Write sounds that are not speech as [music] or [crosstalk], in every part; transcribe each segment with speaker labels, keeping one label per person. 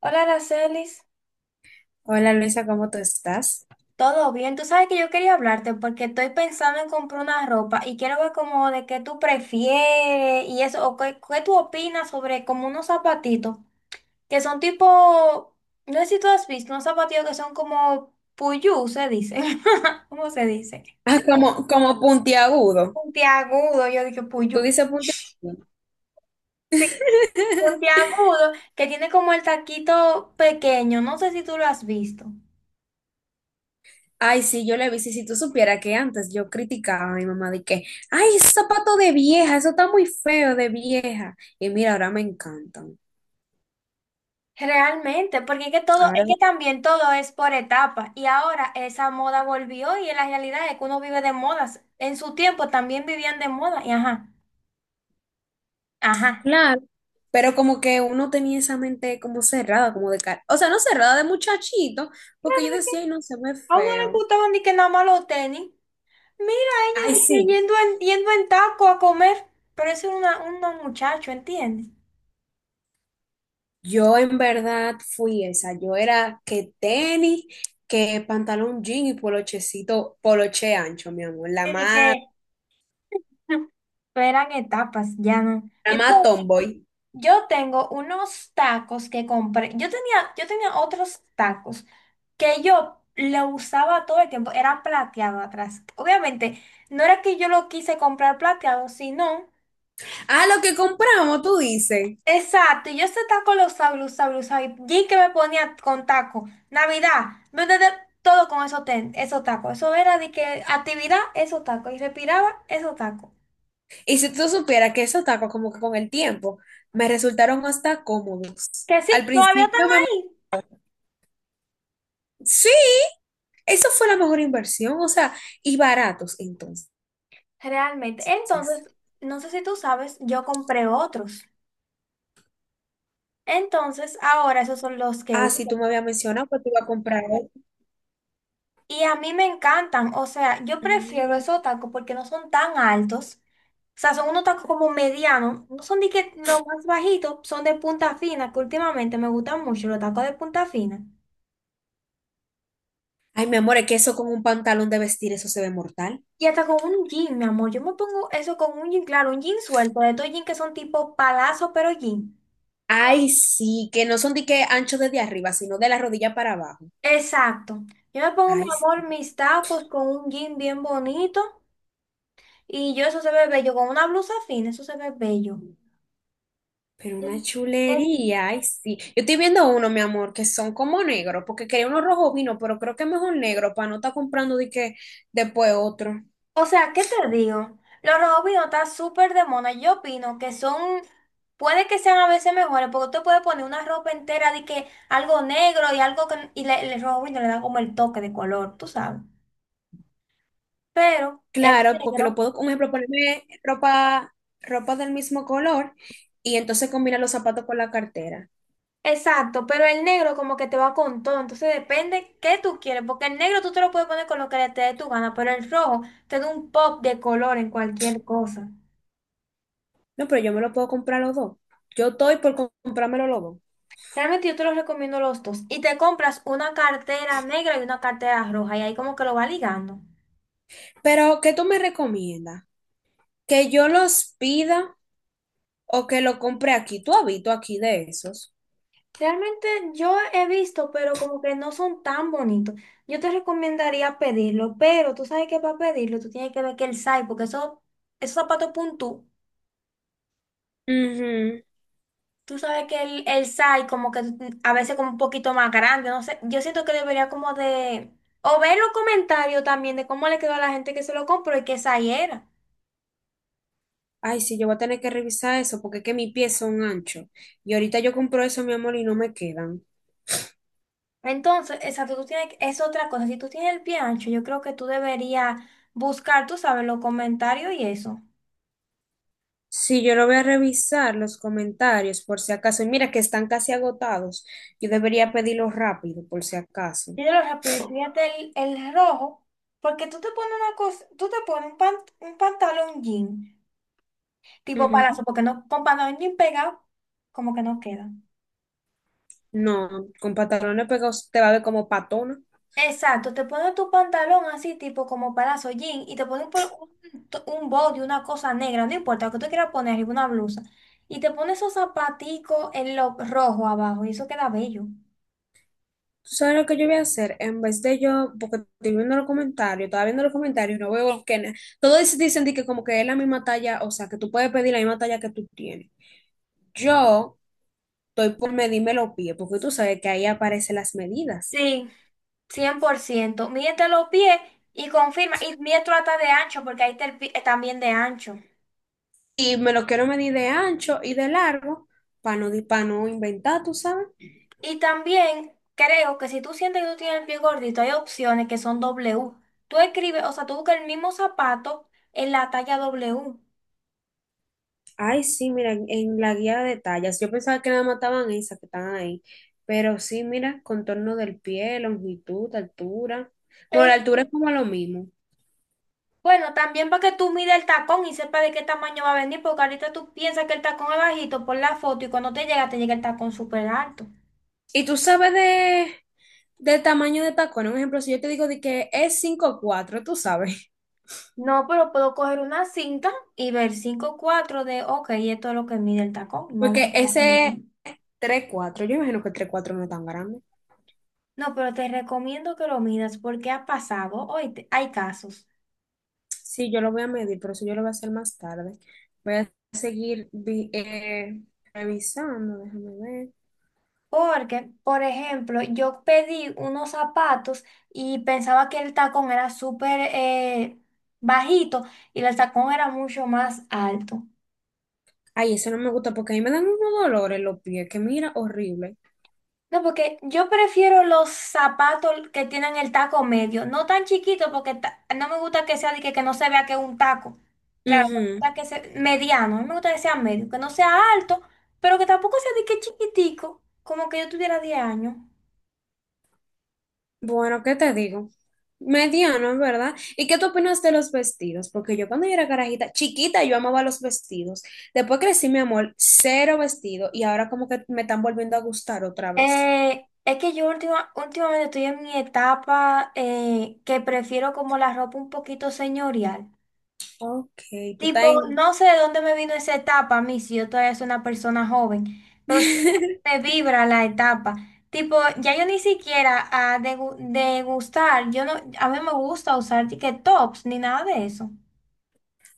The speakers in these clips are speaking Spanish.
Speaker 1: Hola, Aracelis.
Speaker 2: Hola Luisa, ¿cómo tú estás?
Speaker 1: ¿Todo bien? Tú sabes que yo quería hablarte porque estoy pensando en comprar una ropa y quiero ver como de qué tú prefieres y eso, o qué tú opinas sobre como unos zapatitos que son tipo, no sé si tú has visto, unos zapatitos que son como puyú, se dice. [laughs] ¿Cómo se dice?
Speaker 2: Ah, como, como puntiagudo.
Speaker 1: Puntiagudo, yo dije puyú.
Speaker 2: ¿Tú dices puntiagudo?
Speaker 1: Sí,
Speaker 2: [laughs]
Speaker 1: puntiagudo, que tiene como el taquito pequeño, no sé si tú lo has visto.
Speaker 2: Ay, sí, yo le vi. Si tú supieras que antes yo criticaba a mi mamá de que, ay, esos zapatos de vieja, eso está muy feo de vieja. Y mira, ahora me encantan.
Speaker 1: Realmente, porque es que todo, es
Speaker 2: Ahora,
Speaker 1: que también todo es por etapas y ahora esa moda volvió y la realidad es que uno vive de modas. En su tiempo también vivían de moda y ajá, ajá.
Speaker 2: claro. Pero como que uno tenía esa mente como cerrada, como de cara. O sea, no cerrada de muchachito, porque yo decía, ay, no, se ve
Speaker 1: A uno le
Speaker 2: feo.
Speaker 1: gustaban ni que nada más los tenis. Mira ella
Speaker 2: Ay,
Speaker 1: de que
Speaker 2: sí.
Speaker 1: yendo en taco a comer, pero eso es una muchacho, ¿entiendes?
Speaker 2: Yo en verdad fui esa. Yo era que tenis, que pantalón jean y polochecito, poloche ancho, mi amor.
Speaker 1: Sí, de que [laughs] eran etapas, ya no.
Speaker 2: La
Speaker 1: Y
Speaker 2: más
Speaker 1: tú
Speaker 2: tomboy.
Speaker 1: Yo tengo unos tacos que compré. Yo tenía otros tacos que yo lo usaba todo el tiempo. Era plateado atrás. Obviamente, no era que yo lo quise comprar plateado, sino.
Speaker 2: Ah, lo que compramos, tú dices.
Speaker 1: Exacto, y yo ese taco lo usaba, lo usaba, lo usaba. Y que me ponía con taco. Navidad, todo con esos tacos. Eso era de que actividad, esos tacos. Y respiraba, esos tacos.
Speaker 2: Y si tú supieras que esos tacos como que con el tiempo me resultaron hasta cómodos.
Speaker 1: Que sí,
Speaker 2: Al
Speaker 1: todavía están
Speaker 2: principio me...
Speaker 1: ahí.
Speaker 2: Sí, eso fue la mejor inversión, o sea, y baratos entonces.
Speaker 1: Realmente. Entonces, no sé si tú sabes, yo compré otros. Entonces, ahora esos son los que
Speaker 2: Ah, sí,
Speaker 1: uso.
Speaker 2: tú me habías mencionado que te iba a comprar.
Speaker 1: Y a mí me encantan. O sea, yo prefiero
Speaker 2: Mm.
Speaker 1: esos tacos porque no son tan altos. O sea, son unos tacos como medianos. No son de que los más bajitos, son de punta fina, que últimamente me gustan mucho los tacos de punta fina.
Speaker 2: Ay, mi amor, es que eso con un pantalón de vestir, eso se ve mortal.
Speaker 1: Y hasta con un jean, mi amor. Yo me pongo eso con un jean, claro, un jean suelto, de estos jeans que son tipo palazo, pero jean.
Speaker 2: Ay, sí, que no son de que ancho desde arriba, sino de la rodilla para abajo.
Speaker 1: Exacto. Yo me pongo, mi
Speaker 2: Ay, sí.
Speaker 1: amor, mis tacos con un jean bien bonito. Y yo, eso se ve bello. Con una blusa fina, eso se ve bello.
Speaker 2: Pero una
Speaker 1: En- en-
Speaker 2: chulería, ay, sí. Yo estoy viendo uno, mi amor, que son como negros, porque quería uno rojo vino, pero creo que es mejor negro para no estar comprando de que después otro.
Speaker 1: o sea, ¿qué te digo? Los rojos robots están súper de moda. Yo opino que son, puede que sean a veces mejores, porque tú puedes poner una ropa entera de que algo negro y algo que, y le, el rojo vino le da como el toque de color, tú sabes. Pero el
Speaker 2: Claro, porque lo
Speaker 1: negro,
Speaker 2: puedo, un ejemplo, ponerme ropa, ropa del mismo color y entonces combinar los zapatos con la cartera.
Speaker 1: exacto, pero el negro como que te va con todo. Entonces depende qué tú quieres, porque el negro tú te lo puedes poner con lo que te dé tu gana, pero el rojo te da un pop de color en cualquier cosa.
Speaker 2: No, pero yo me lo puedo comprar los dos. Yo estoy por comprármelo los dos.
Speaker 1: Realmente yo te los recomiendo los dos. Y te compras una cartera negra y una cartera roja y ahí como que lo va ligando.
Speaker 2: Pero, ¿qué tú me recomiendas? ¿Que yo los pida? O que lo compre aquí. ¿Tú has visto aquí de esos?
Speaker 1: Realmente yo he visto, pero como que no son tan bonitos. Yo te recomendaría pedirlo, pero tú sabes que para pedirlo tú tienes que ver que el size, porque eso, esos zapatos puntú,
Speaker 2: Ujú.
Speaker 1: tú sabes que el size como que a veces como un poquito más grande, no sé. Yo siento que debería como de. O ver los comentarios también de cómo le quedó a la gente que se lo compró y qué size era.
Speaker 2: Ay, sí, yo voy a tener que revisar eso porque es que mis pies son anchos. Y ahorita yo compro eso, mi amor, y no me quedan.
Speaker 1: Entonces, esa, tú tienes, es otra cosa. Si tú tienes el pie ancho, yo creo que tú deberías buscar, tú sabes, los comentarios y eso.
Speaker 2: Sí, yo lo voy a revisar los comentarios por si acaso. Y mira que están casi agotados. Yo debería pedirlos rápido por si acaso.
Speaker 1: Míralo rápido y pídete el rojo, porque tú te pones un pantalón jean, tipo palazo,
Speaker 2: Ujú.
Speaker 1: porque no, con pantalón jean pegado, como que no queda.
Speaker 2: No, con pantalones pegados te va a ver como patona.
Speaker 1: Exacto, te pones tu pantalón así, tipo como palazo jean, y te pones por un body, una cosa negra, no importa, lo que tú quieras poner, arriba una blusa. Y te pones esos zapaticos en lo rojo abajo, y eso queda bello.
Speaker 2: ¿Tú sabes lo que yo voy a hacer? En vez de yo, porque estoy viendo los comentarios, estaba viendo los comentarios y no veo que todos dicen de que como que es la misma talla, o sea, que tú puedes pedir la misma talla que tú tienes. Yo estoy por medirme los pies, porque tú sabes que ahí aparecen las medidas.
Speaker 1: Sí, 100%. Mídete los pies y confirma. Y mide tu hasta de ancho, porque ahí está el pie también de ancho.
Speaker 2: Y me lo quiero medir de ancho y de largo para no, pa' no inventar, ¿tú sabes?
Speaker 1: Y también creo que si tú sientes que tú tienes el pie gordito, hay opciones que son W. Tú escribes, o sea, tú buscas el mismo zapato en la talla W.
Speaker 2: Ay, sí, mira, en la guía de tallas. Yo pensaba que nada más estaban esas que están ahí. Pero sí, mira, contorno del pie, longitud, altura. Bueno, la
Speaker 1: Es,
Speaker 2: altura es como lo mismo.
Speaker 1: bueno, también para que tú mides el tacón y sepas de qué tamaño va a venir, porque ahorita tú piensas que el tacón es bajito por la foto y cuando te llega el tacón súper alto.
Speaker 2: Y tú sabes de, del tamaño de tacón. Un ejemplo, si yo te digo de que es cinco cuatro, tú sabes.
Speaker 1: No, pero puedo coger una cinta y ver 5.4 de, ok, esto es lo que mide el tacón. Vamos a
Speaker 2: Porque
Speaker 1: cogerlo.
Speaker 2: ese tres cuatro, yo imagino que el tres cuatro no es tan grande.
Speaker 1: No, pero te recomiendo que lo midas porque ha pasado, hoy hay casos.
Speaker 2: Sí, yo lo voy a medir, pero eso yo lo voy a hacer más tarde. Voy a seguir revisando, déjame ver.
Speaker 1: Porque, por ejemplo, yo pedí unos zapatos y pensaba que el tacón era súper bajito y el tacón era mucho más alto.
Speaker 2: Ay, eso no me gusta porque a mí me dan unos dolores los pies, que mira, horrible.
Speaker 1: No, porque yo prefiero los zapatos que tienen el taco medio, no tan chiquito porque ta- no me gusta que sea de que no se vea que es un taco. Claro, me
Speaker 2: Ujú.
Speaker 1: gusta que sea mediano, a mí me gusta que sea medio, que no sea alto, pero que tampoco sea de que chiquitico, como que yo tuviera 10 años.
Speaker 2: Bueno, ¿qué te digo? Mediano, en verdad. ¿Y qué tú opinas de los vestidos? Porque yo cuando yo era carajita, chiquita, yo amaba los vestidos. Después crecí, mi amor, cero vestido y ahora como que me están volviendo a gustar otra vez.
Speaker 1: Es que yo últimamente estoy en mi etapa que prefiero como la ropa un poquito señorial.
Speaker 2: Ok, tú estás
Speaker 1: Tipo,
Speaker 2: en...
Speaker 1: no sé de dónde me vino esa etapa a mí, si yo todavía soy una persona joven, pero sí
Speaker 2: [laughs]
Speaker 1: me vibra la etapa. Tipo, ya yo ni siquiera a degustar, yo no, a mí me gusta usar que tops ni nada de eso.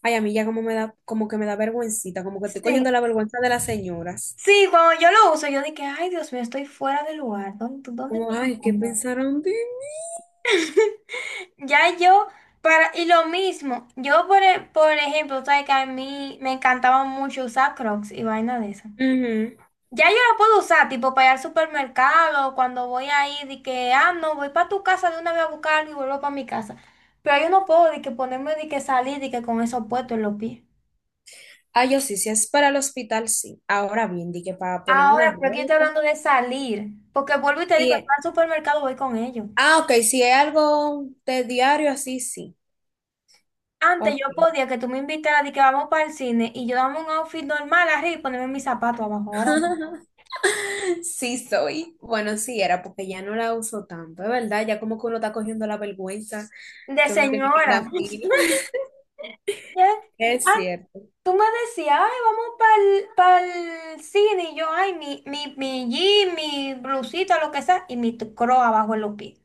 Speaker 2: Ay, a mí ya como me da, como que me da vergüencita, como que estoy
Speaker 1: Sí,
Speaker 2: cogiendo la vergüenza de las señoras.
Speaker 1: sí, cuando yo lo uso, yo dije, ay Dios mío, estoy fuera de lugar, dónde
Speaker 2: Como,
Speaker 1: me
Speaker 2: ay, ¿qué
Speaker 1: llevas?
Speaker 2: pensaron de mí?
Speaker 1: [laughs] Ya yo, para, y lo mismo, yo por ejemplo, sabes que a mí me encantaba mucho usar Crocs y vaina de esa.
Speaker 2: Ujú.
Speaker 1: Ya yo la puedo usar, tipo para ir al supermercado, cuando voy ahí, de que, ah, no, voy para tu casa, de una vez a buscarlo y vuelvo para mi casa. Pero yo no puedo, de que ponerme, de que salir, de que con eso puesto en los pies.
Speaker 2: Ah, yo sí, si es para el hospital, sí. Ahora bien, di que para ponerme una
Speaker 1: Ahora, pero aquí estoy hablando
Speaker 2: ropa.
Speaker 1: de salir, porque vuelvo y te digo, al supermercado voy con ellos.
Speaker 2: Ah, ok, si es algo de diario, así sí.
Speaker 1: Antes
Speaker 2: Ok.
Speaker 1: yo podía que tú me invitaras de que vamos para el cine y yo dame un outfit normal arriba y ponerme mis zapatos abajo, ahora no.
Speaker 2: [laughs] Sí soy. Bueno, sí era porque ya no la uso tanto, es verdad, ya como que uno está cogiendo la vergüenza
Speaker 1: De
Speaker 2: que uno tiene que
Speaker 1: señora.
Speaker 2: andar fino. [laughs]
Speaker 1: Ya,
Speaker 2: Es
Speaker 1: ah,
Speaker 2: cierto.
Speaker 1: tú me decías, ay, vamos para el cine. Y yo, ay, mi jean, mi blusita, lo que sea, y mi croc abajo en los pies.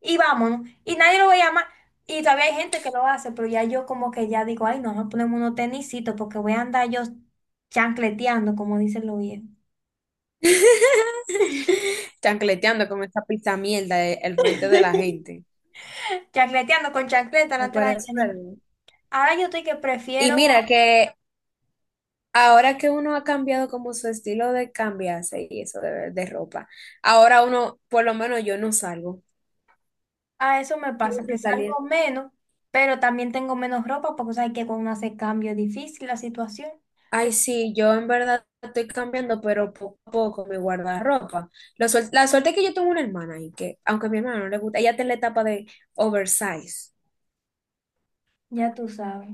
Speaker 1: Y vámonos. Y nadie lo veía más. Y todavía hay gente que lo hace, pero ya yo como que ya digo, ay, no, nos ponemos unos tenisitos porque voy a andar yo chancleteando, como dicen los viejos.
Speaker 2: [laughs] Chancleteando con esa pizza mierda al frente de la gente.
Speaker 1: Chancleteando con chancleta
Speaker 2: Me
Speaker 1: delante de la
Speaker 2: parece
Speaker 1: gente, no.
Speaker 2: verdad.
Speaker 1: Ahora yo estoy que
Speaker 2: Y
Speaker 1: prefiero.
Speaker 2: mira que
Speaker 1: Sí,
Speaker 2: ahora que uno ha cambiado como su estilo de cambiarse y eso de ropa, ahora uno, por lo menos yo no salgo.
Speaker 1: a eso me
Speaker 2: Yo no
Speaker 1: pasa, que
Speaker 2: estoy saliendo.
Speaker 1: salgo menos, pero también tengo menos ropa porque sabes que cuando hace cambio es difícil la situación,
Speaker 2: Ay,
Speaker 1: que
Speaker 2: sí, yo en verdad estoy cambiando, pero poco a poco mi guardarropa. La suerte es que yo tengo una hermana y que, aunque a mi hermana no le gusta, ella está en la etapa de oversize.
Speaker 1: ya tú sabes.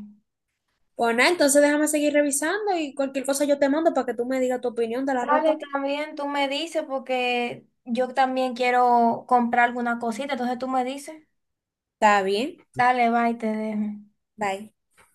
Speaker 2: Pues nada, entonces déjame seguir revisando y cualquier cosa yo te mando para que tú me digas tu opinión de la
Speaker 1: Dale,
Speaker 2: ropa.
Speaker 1: también tú me dices porque yo también quiero comprar alguna cosita, entonces tú me dices,
Speaker 2: Está bien,
Speaker 1: dale, bye, te dejo.
Speaker 2: bye.